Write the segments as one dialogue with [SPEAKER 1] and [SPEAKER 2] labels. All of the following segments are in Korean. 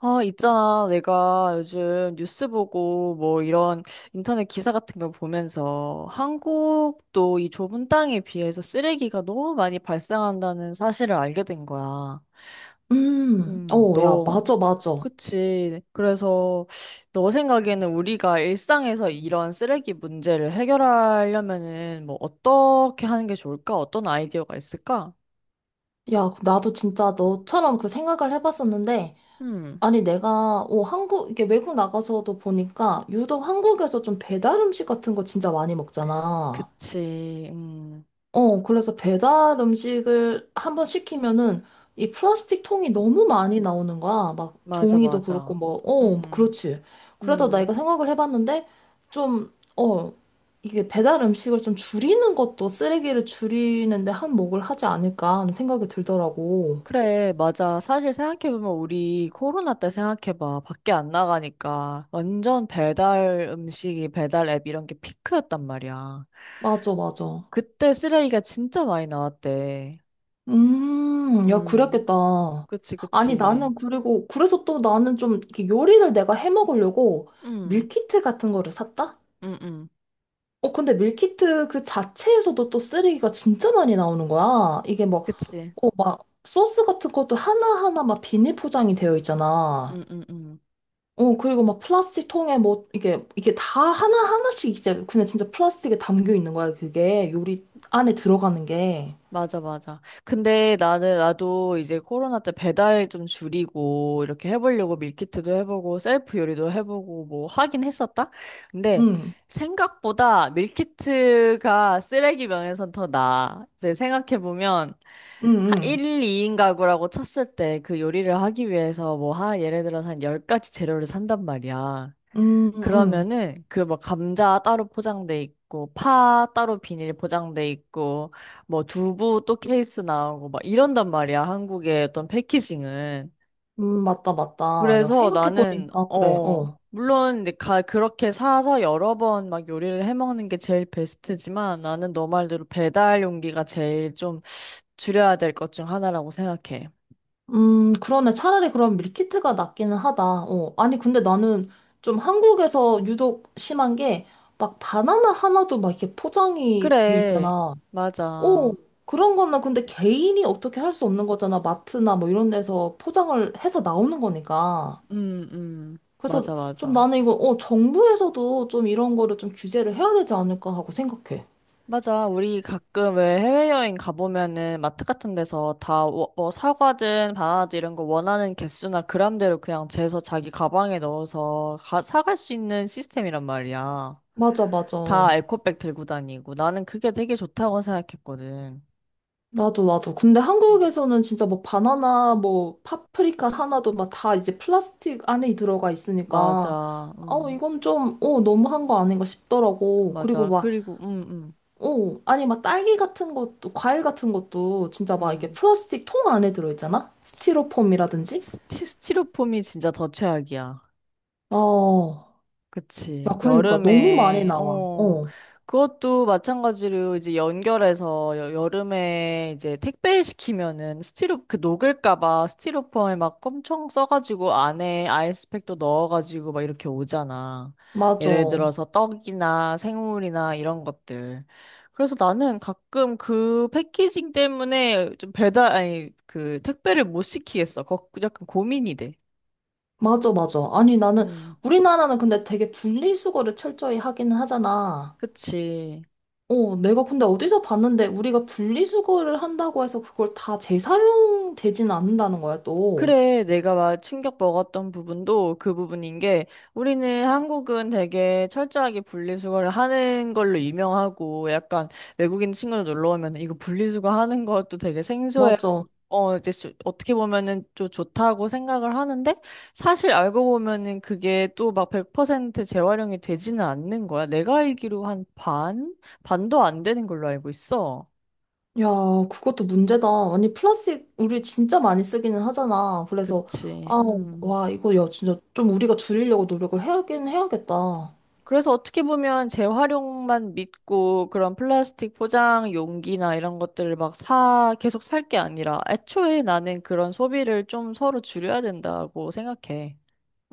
[SPEAKER 1] 아, 있잖아. 내가 요즘 뉴스 보고 뭐 이런 인터넷 기사 같은 걸 보면서 한국도 이 좁은 땅에 비해서 쓰레기가 너무 많이 발생한다는 사실을 알게 된 거야.
[SPEAKER 2] 어, 야,
[SPEAKER 1] 너.
[SPEAKER 2] 맞아, 맞아.
[SPEAKER 1] 그치. 그래서 너 생각에는 우리가 일상에서 이런 쓰레기 문제를 해결하려면은 뭐 어떻게 하는 게 좋을까? 어떤 아이디어가 있을까?
[SPEAKER 2] 야, 나도 진짜 너처럼 그 생각을 해봤었는데,
[SPEAKER 1] 음,
[SPEAKER 2] 아니, 내가, 한국, 이게 외국 나가서도 보니까, 유독 한국에서 좀 배달 음식 같은 거 진짜 많이 먹잖아.
[SPEAKER 1] 그치.
[SPEAKER 2] 어, 그래서 배달 음식을 한번 시키면은 이 플라스틱 통이 너무 많이 나오는 거야. 막
[SPEAKER 1] 맞아,
[SPEAKER 2] 종이도 그렇고
[SPEAKER 1] 맞아.
[SPEAKER 2] 뭐,
[SPEAKER 1] 음,
[SPEAKER 2] 그렇지. 그래서 나
[SPEAKER 1] 음.
[SPEAKER 2] 이거 생각을 해봤는데 좀, 이게 배달 음식을 좀 줄이는 것도 쓰레기를 줄이는데 한몫을 하지 않을까 하는 생각이 들더라고.
[SPEAKER 1] 그래, 맞아. 사실 생각해보면 우리 코로나 때 생각해봐. 밖에 안 나가니까 완전 배달 음식이 배달 앱 이런 게 피크였단 말이야.
[SPEAKER 2] 맞아, 맞아.
[SPEAKER 1] 그때 쓰레기가 진짜 많이 나왔대.
[SPEAKER 2] 야,
[SPEAKER 1] 음,
[SPEAKER 2] 그랬겠다.
[SPEAKER 1] 그치,
[SPEAKER 2] 아니,
[SPEAKER 1] 그치.
[SPEAKER 2] 나는 그리고, 그래서 또 나는 좀 이렇게 요리를 내가 해 먹으려고
[SPEAKER 1] 음,
[SPEAKER 2] 밀키트 같은 거를 샀다?
[SPEAKER 1] 음, 음.
[SPEAKER 2] 어, 근데 밀키트 그 자체에서도 또 쓰레기가 진짜 많이 나오는 거야. 이게 뭐,
[SPEAKER 1] 그치.
[SPEAKER 2] 막, 소스 같은 것도 하나하나 막 비닐 포장이 되어
[SPEAKER 1] 음,
[SPEAKER 2] 있잖아.
[SPEAKER 1] 음, 음.
[SPEAKER 2] 어, 그리고 막 플라스틱 통에 뭐, 이게 다 하나하나씩 이제 그냥 진짜 플라스틱에 담겨 있는 거야, 그게. 요리 안에 들어가는 게.
[SPEAKER 1] 맞아, 맞아. 근데 나도 이제 코로나 때 배달 좀 줄이고, 이렇게 해보려고 밀키트도 해보고, 셀프 요리도 해보고, 뭐 하긴 했었다? 근데
[SPEAKER 2] 응,
[SPEAKER 1] 생각보다 밀키트가 쓰레기 면에선 더 나아. 이제 생각해보면,
[SPEAKER 2] 응, 응.
[SPEAKER 1] 1, 2인 가구라고 쳤을 때 그 요리를 하기 위해서 뭐, 예를 들어서 한 10가지 재료를 산단 말이야.
[SPEAKER 2] 응, 응, 응.
[SPEAKER 1] 그러면은 그 뭐 감자 따로 포장돼 있고 파 따로 비닐 포장돼 있고 뭐 두부 또 케이스 나오고 막 이런단 말이야. 한국의 어떤 패키징은.
[SPEAKER 2] 맞다, 맞다. 야,
[SPEAKER 1] 그래서 나는
[SPEAKER 2] 생각해보니까, 그래, 어.
[SPEAKER 1] 물론 이제 가 그렇게 사서 여러 번 막 요리를 해 먹는 게 제일 베스트지만 나는 너 말대로 배달 용기가 제일 좀 줄여야 될 것 중 하나라고 생각해.
[SPEAKER 2] 그러네. 차라리 그럼 밀키트가 낫기는 하다. 어. 아니, 근데 나는 좀 한국에서 유독 심한 게, 막 바나나 하나도 막 이렇게 포장이 돼
[SPEAKER 1] 그래,
[SPEAKER 2] 있잖아. 어,
[SPEAKER 1] 맞아.
[SPEAKER 2] 그런 거는 근데 개인이 어떻게 할 수 없는 거잖아. 마트나 뭐 이런 데서 포장을 해서 나오는 거니까.
[SPEAKER 1] 음,
[SPEAKER 2] 그래서
[SPEAKER 1] 맞아,
[SPEAKER 2] 좀
[SPEAKER 1] 맞아.
[SPEAKER 2] 나는 이거, 정부에서도 좀 이런 거를 좀 규제를 해야 되지 않을까 하고 생각해.
[SPEAKER 1] 맞아. 우리 가끔 왜 해외여행 가보면은 마트 같은 데서 다 뭐 사과든 바나나든 이런 거 원하는 개수나 그람대로 그냥 재서 자기 가방에 넣어서 가, 사갈 수 있는 시스템이란 말이야.
[SPEAKER 2] 맞아,
[SPEAKER 1] 다
[SPEAKER 2] 맞아.
[SPEAKER 1] 에코백 들고 다니고. 나는 그게 되게 좋다고 생각했거든.
[SPEAKER 2] 나도, 나도. 근데
[SPEAKER 1] 음.
[SPEAKER 2] 한국에서는 진짜 뭐 바나나, 뭐 파프리카 하나도 막 다 이제 플라스틱 안에 들어가 있으니까,
[SPEAKER 1] 맞아.
[SPEAKER 2] 어, 이건 좀, 너무한 거 아닌가 싶더라고. 그리고
[SPEAKER 1] 맞아.
[SPEAKER 2] 막,
[SPEAKER 1] 그리고,
[SPEAKER 2] 아니, 막 딸기 같은 것도, 과일 같은 것도 진짜 막 이렇게
[SPEAKER 1] 음.
[SPEAKER 2] 플라스틱 통 안에 들어있잖아? 스티로폼이라든지?
[SPEAKER 1] 스티로폼이 진짜 더 최악이야.
[SPEAKER 2] 어, 야,
[SPEAKER 1] 그치.
[SPEAKER 2] 그러니까 너무 많이
[SPEAKER 1] 여름에,
[SPEAKER 2] 나와.
[SPEAKER 1] 어,
[SPEAKER 2] 어,
[SPEAKER 1] 그것도 마찬가지로 이제 연결해서 여름에 이제 택배 시키면은 스티로, 그 녹을까봐 스티로폼에 막 엄청 써가지고 안에 아이스팩도 넣어가지고 막 이렇게 오잖아.
[SPEAKER 2] 맞아.
[SPEAKER 1] 예를 들어서 떡이나 생물이나 이런 것들. 그래서 나는 가끔 그 패키징 때문에 좀 배달, 아니, 그 택배를 못 시키겠어. 거, 약간 고민이 돼.
[SPEAKER 2] 맞아, 맞아. 아니, 나는,
[SPEAKER 1] 음.
[SPEAKER 2] 우리나라는 근데 되게 분리수거를 철저히 하기는 하잖아.
[SPEAKER 1] 그치.
[SPEAKER 2] 어, 내가 근데 어디서 봤는데 우리가 분리수거를 한다고 해서 그걸 다 재사용되지는 않는다는 거야, 또.
[SPEAKER 1] 그래, 내가 막 충격 먹었던 부분도 그 부분인 게, 우리는 한국은 되게 철저하게 분리수거를 하는 걸로 유명하고 약간 외국인 친구들 놀러 오면 이거 분리수거 하는 것도 되게 생소해.
[SPEAKER 2] 맞아.
[SPEAKER 1] 어, 이제 어떻게 보면은 좀 좋다고 생각을 하는데 사실 알고 보면은 그게 또 막 100% 재활용이 되지는 않는 거야. 내가 알기로 한 반? 반도 안 되는 걸로 알고 있어.
[SPEAKER 2] 야, 그것도 문제다. 아니, 플라스틱 우리 진짜 많이 쓰기는 하잖아. 그래서,
[SPEAKER 1] 그치.
[SPEAKER 2] 아,
[SPEAKER 1] 음.
[SPEAKER 2] 와, 이거 야, 진짜 좀 우리가 줄이려고 노력을 해야긴 해야겠다.
[SPEAKER 1] 그래서 어떻게 보면 재활용만 믿고 그런 플라스틱 포장 용기나 이런 것들을 막 사, 계속 살 게 아니라 애초에 나는 그런 소비를 좀 서로 줄여야 된다고 생각해.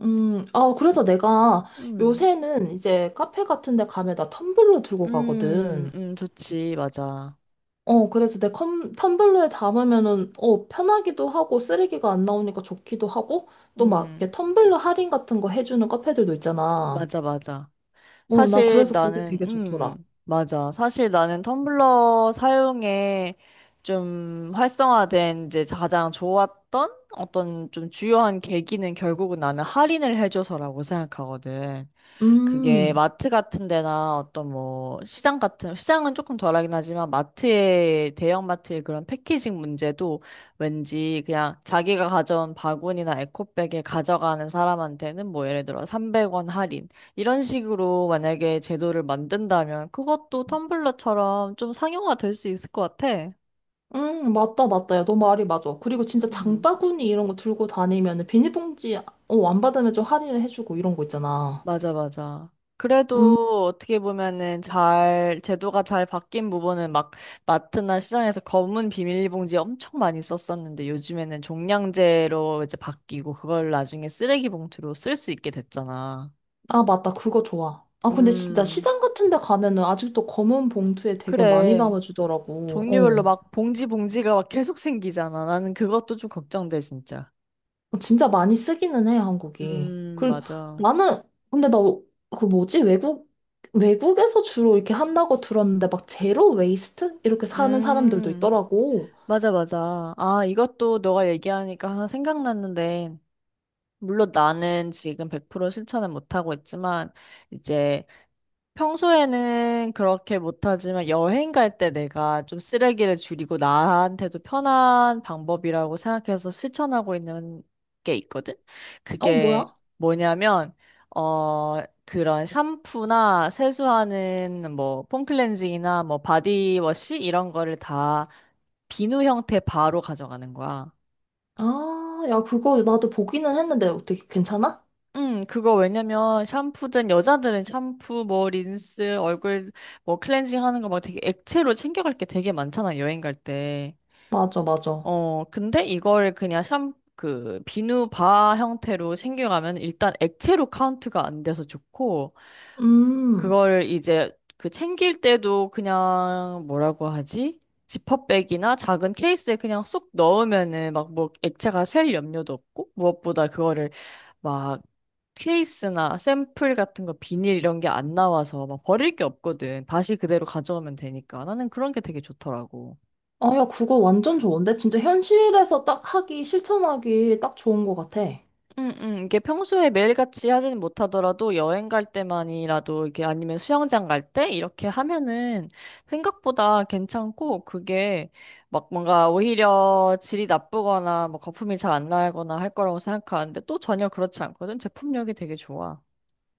[SPEAKER 2] 아, 그래서 내가
[SPEAKER 1] 음,
[SPEAKER 2] 요새는 이제 카페 같은 데 가면 나 텀블러 들고 가거든.
[SPEAKER 1] 좋지. 맞아.
[SPEAKER 2] 어, 그래서 텀블러에 담으면은, 어, 편하기도 하고, 쓰레기가 안 나오니까 좋기도 하고, 또 막, 이렇게
[SPEAKER 1] 음,
[SPEAKER 2] 텀블러 할인 같은 거 해주는 카페들도 있잖아.
[SPEAKER 1] 맞아, 맞아.
[SPEAKER 2] 어, 난
[SPEAKER 1] 사실
[SPEAKER 2] 그래서 그게
[SPEAKER 1] 나는,
[SPEAKER 2] 되게 좋더라.
[SPEAKER 1] 맞아. 사실 나는 텀블러 사용에 좀 활성화된 이제 가장 좋았던 어떤 좀 주요한 계기는 결국은 나는 할인을 해줘서라고 생각하거든. 그게
[SPEAKER 2] 음,
[SPEAKER 1] 마트 같은 데나 어떤 뭐 시장 같은 시장은 조금 덜하긴 하지만 마트의 대형 마트의 그런 패키징 문제도 왠지 그냥 자기가 가져온 바구니나 에코백에 가져가는 사람한테는 뭐 예를 들어 300원 할인 이런 식으로 만약에 제도를 만든다면 그것도 텀블러처럼 좀 상용화 될 수 있을 것 같아.
[SPEAKER 2] 맞다, 맞다. 야, 너 말이 맞아. 그리고 진짜
[SPEAKER 1] 음.
[SPEAKER 2] 장바구니 이런 거 들고 다니면은, 비닐봉지, 안 받으면 좀 할인을 해주고, 이런 거 있잖아.
[SPEAKER 1] 맞아, 맞아.
[SPEAKER 2] 음,
[SPEAKER 1] 그래도 어떻게 보면은 잘, 제도가 잘 바뀐 부분은 막 마트나 시장에서 검은 비닐봉지 엄청 많이 썼었는데 요즘에는 종량제로 이제 바뀌고 그걸 나중에 쓰레기 봉투로 쓸 수 있게 됐잖아.
[SPEAKER 2] 아, 맞다. 그거 좋아. 아, 근데 진짜
[SPEAKER 1] 음.
[SPEAKER 2] 시장 같은 데 가면은, 아직도 검은 봉투에 되게 많이
[SPEAKER 1] 그래.
[SPEAKER 2] 담아주더라고.
[SPEAKER 1] 종류별로
[SPEAKER 2] 어.
[SPEAKER 1] 막 봉지 봉지가 막 계속 생기잖아. 나는 그것도 좀 걱정돼, 진짜.
[SPEAKER 2] 어, 진짜 많이 쓰기는 해, 한국이. 그,
[SPEAKER 1] 맞아.
[SPEAKER 2] 나는, 근데 나, 그 뭐지? 외국, 외국에서 주로 이렇게 한다고 들었는데, 막 제로 웨이스트? 이렇게 사는 사람들도
[SPEAKER 1] 음,
[SPEAKER 2] 있더라고.
[SPEAKER 1] 맞아, 맞아. 아, 이것도 너가 얘기하니까 하나 생각났는데, 물론 나는 지금 100% 실천은 못하고 있지만, 이제 평소에는 그렇게 못하지만 여행 갈 때 내가 좀 쓰레기를 줄이고 나한테도 편한 방법이라고 생각해서 실천하고 있는 게 있거든?
[SPEAKER 2] 어,
[SPEAKER 1] 그게
[SPEAKER 2] 뭐야?
[SPEAKER 1] 뭐냐면, 어, 그런 샴푸나 세수하는 뭐 폼클렌징이나 뭐 바디워시 이런 거를 다 비누 형태 바로 가져가는 거야.
[SPEAKER 2] 아, 야, 그거 나도 보기는 했는데, 어떻게 괜찮아?
[SPEAKER 1] 그거 왜냐면 샴푸든 여자들은 샴푸, 뭐 린스, 얼굴 뭐 클렌징 하는 거 막 되게 액체로 챙겨갈 게 되게 많잖아, 여행 갈 때.
[SPEAKER 2] 맞아, 맞아.
[SPEAKER 1] 어, 근데 이걸 그냥 샴, 그 비누 바 형태로 챙겨가면 일단 액체로 카운트가 안 돼서 좋고
[SPEAKER 2] 음.
[SPEAKER 1] 그걸 이제 그 챙길 때도 그냥 뭐라고 하지? 지퍼백이나 작은 케이스에 그냥 쏙 넣으면은 막 뭐 액체가 셀 염려도 없고 무엇보다 그거를 막 케이스나 샘플 같은 거 비닐 이런 게 안 나와서 막 버릴 게 없거든. 다시 그대로 가져오면 되니까. 나는 그런 게 되게 좋더라고.
[SPEAKER 2] 아, 야, 그거 완전 좋은데? 진짜 현실에서 딱 하기, 실천하기 딱 좋은 것 같아.
[SPEAKER 1] 이게 평소에 매일같이 하지는 못하더라도 여행 갈 때만이라도 이게 아니면 수영장 갈 때 이렇게 하면은 생각보다 괜찮고 그게 막 뭔가 오히려 질이 나쁘거나 뭐 거품이 잘 안 나거나 할 거라고 생각하는데 또 전혀 그렇지 않거든. 제품력이 되게 좋아.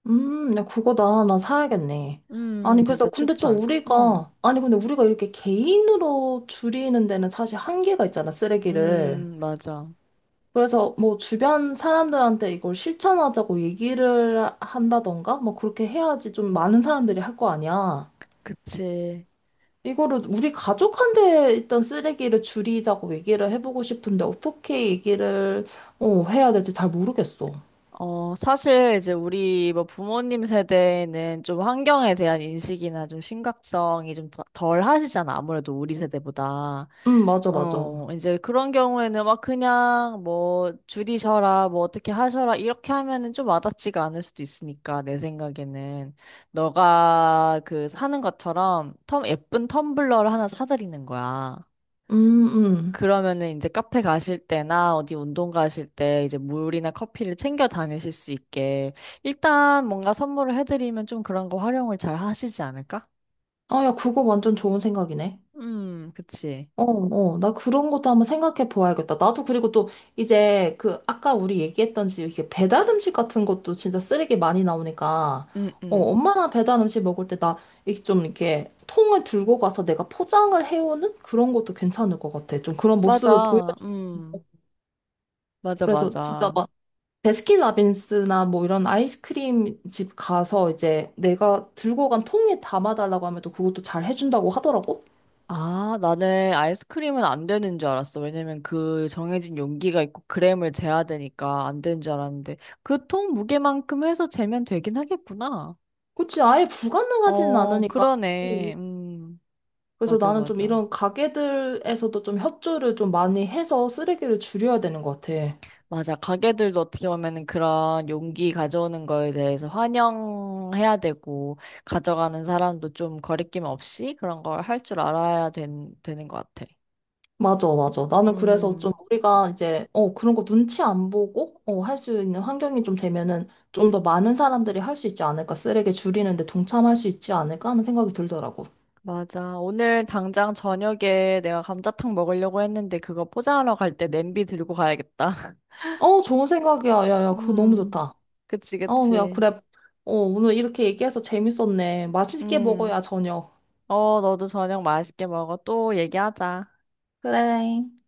[SPEAKER 2] 나 그거 나 사야겠네. 아니, 그래서,
[SPEAKER 1] 진짜
[SPEAKER 2] 근데 또
[SPEAKER 1] 추천.
[SPEAKER 2] 우리가, 아니, 근데 우리가 이렇게 개인으로 줄이는 데는 사실 한계가 있잖아, 쓰레기를.
[SPEAKER 1] 맞아.
[SPEAKER 2] 그래서 뭐 주변 사람들한테 이걸 실천하자고 얘기를 한다던가, 뭐 그렇게 해야지 좀 많은 사람들이 할 거 아니야.
[SPEAKER 1] 그치.
[SPEAKER 2] 이거를 우리 가족한테 있던 쓰레기를 줄이자고 얘기를 해보고 싶은데, 어떻게 얘기를, 해야 될지 잘 모르겠어.
[SPEAKER 1] 어, 사실 이제 우리 뭐 부모님 세대는 좀 환경에 대한 인식이나 좀 심각성이 좀 덜 하시잖아. 아무래도 우리 세대보다.
[SPEAKER 2] 맞아, 맞아.
[SPEAKER 1] 어, 이제 그런 경우에는 막 그냥 뭐 줄이셔라, 뭐 어떻게 하셔라, 이렇게 하면은 좀 와닿지가 않을 수도 있으니까, 내 생각에는. 너가 그 사는 것처럼 텀, 예쁜 텀블러를 하나 사드리는 거야.
[SPEAKER 2] 음, 음.
[SPEAKER 1] 그러면은 이제 카페 가실 때나 어디 운동 가실 때 이제 물이나 커피를 챙겨 다니실 수 있게 일단 뭔가 선물을 해드리면 좀 그런 거 활용을 잘 하시지 않을까?
[SPEAKER 2] 아, 야, 그거 완전 좋은 생각이네.
[SPEAKER 1] 그치.
[SPEAKER 2] 어, 어, 나 그런 것도 한번 생각해 보아야겠다. 나도 그리고 또 이제 그 아까 우리 얘기했던지 이렇게 배달 음식 같은 것도 진짜 쓰레기 많이 나오니까
[SPEAKER 1] 음,
[SPEAKER 2] 어,
[SPEAKER 1] 음.
[SPEAKER 2] 엄마랑 배달 음식 먹을 때 나 이렇게 좀 이렇게 통을 들고 가서 내가 포장을 해오는 그런 것도 괜찮을 것 같아. 좀 그런 모습을 보여.
[SPEAKER 1] 맞아. 맞아,
[SPEAKER 2] 그래서 진짜
[SPEAKER 1] 맞아.
[SPEAKER 2] 막 배스킨라빈스나 뭐 이런 아이스크림 집 가서 이제 내가 들고 간 통에 담아달라고 하면 또 그것도 잘 해준다고 하더라고.
[SPEAKER 1] 아, 나는 아이스크림은 안 되는 줄 알았어. 왜냐면 그 정해진 용기가 있고 그램을 재야 되니까 안 되는 줄 알았는데 그 통 무게만큼 해서 재면 되긴 하겠구나.
[SPEAKER 2] 그치, 아예 불가능하진
[SPEAKER 1] 어,
[SPEAKER 2] 않으니까. 어, 어.
[SPEAKER 1] 그러네.
[SPEAKER 2] 그래서
[SPEAKER 1] 맞아,
[SPEAKER 2] 나는 좀
[SPEAKER 1] 맞아.
[SPEAKER 2] 이런 가게들에서도 좀 협조를 좀 많이 해서 쓰레기를 줄여야 되는 것 같아.
[SPEAKER 1] 맞아. 가게들도 어떻게 보면은 그런 용기 가져오는 거에 대해서 환영해야 되고, 가져가는 사람도 좀 거리낌 없이 그런 걸 할 줄 알아야 된, 되는 것 같아.
[SPEAKER 2] 맞아, 맞아. 나는 그래서 좀
[SPEAKER 1] 음,
[SPEAKER 2] 우리가 이제, 그런 거 눈치 안 보고, 할 수 있는 환경이 좀 되면은 좀 더 많은 사람들이 할 수 있지 않을까. 쓰레기 줄이는데 동참할 수 있지 않을까 하는 생각이 들더라고.
[SPEAKER 1] 맞아. 오늘 당장 저녁에 내가 감자탕 먹으려고 했는데 그거 포장하러 갈 때 냄비 들고 가야겠다.
[SPEAKER 2] 어, 좋은 생각이야. 야, 야, 그거 너무
[SPEAKER 1] 음,
[SPEAKER 2] 좋다.
[SPEAKER 1] 그치,
[SPEAKER 2] 어, 야,
[SPEAKER 1] 그치.
[SPEAKER 2] 그래. 어, 오늘 이렇게 얘기해서 재밌었네. 맛있게
[SPEAKER 1] 음,
[SPEAKER 2] 먹어야 저녁.
[SPEAKER 1] 어, 너도 저녁 맛있게 먹어. 또 얘기하자.
[SPEAKER 2] 그래.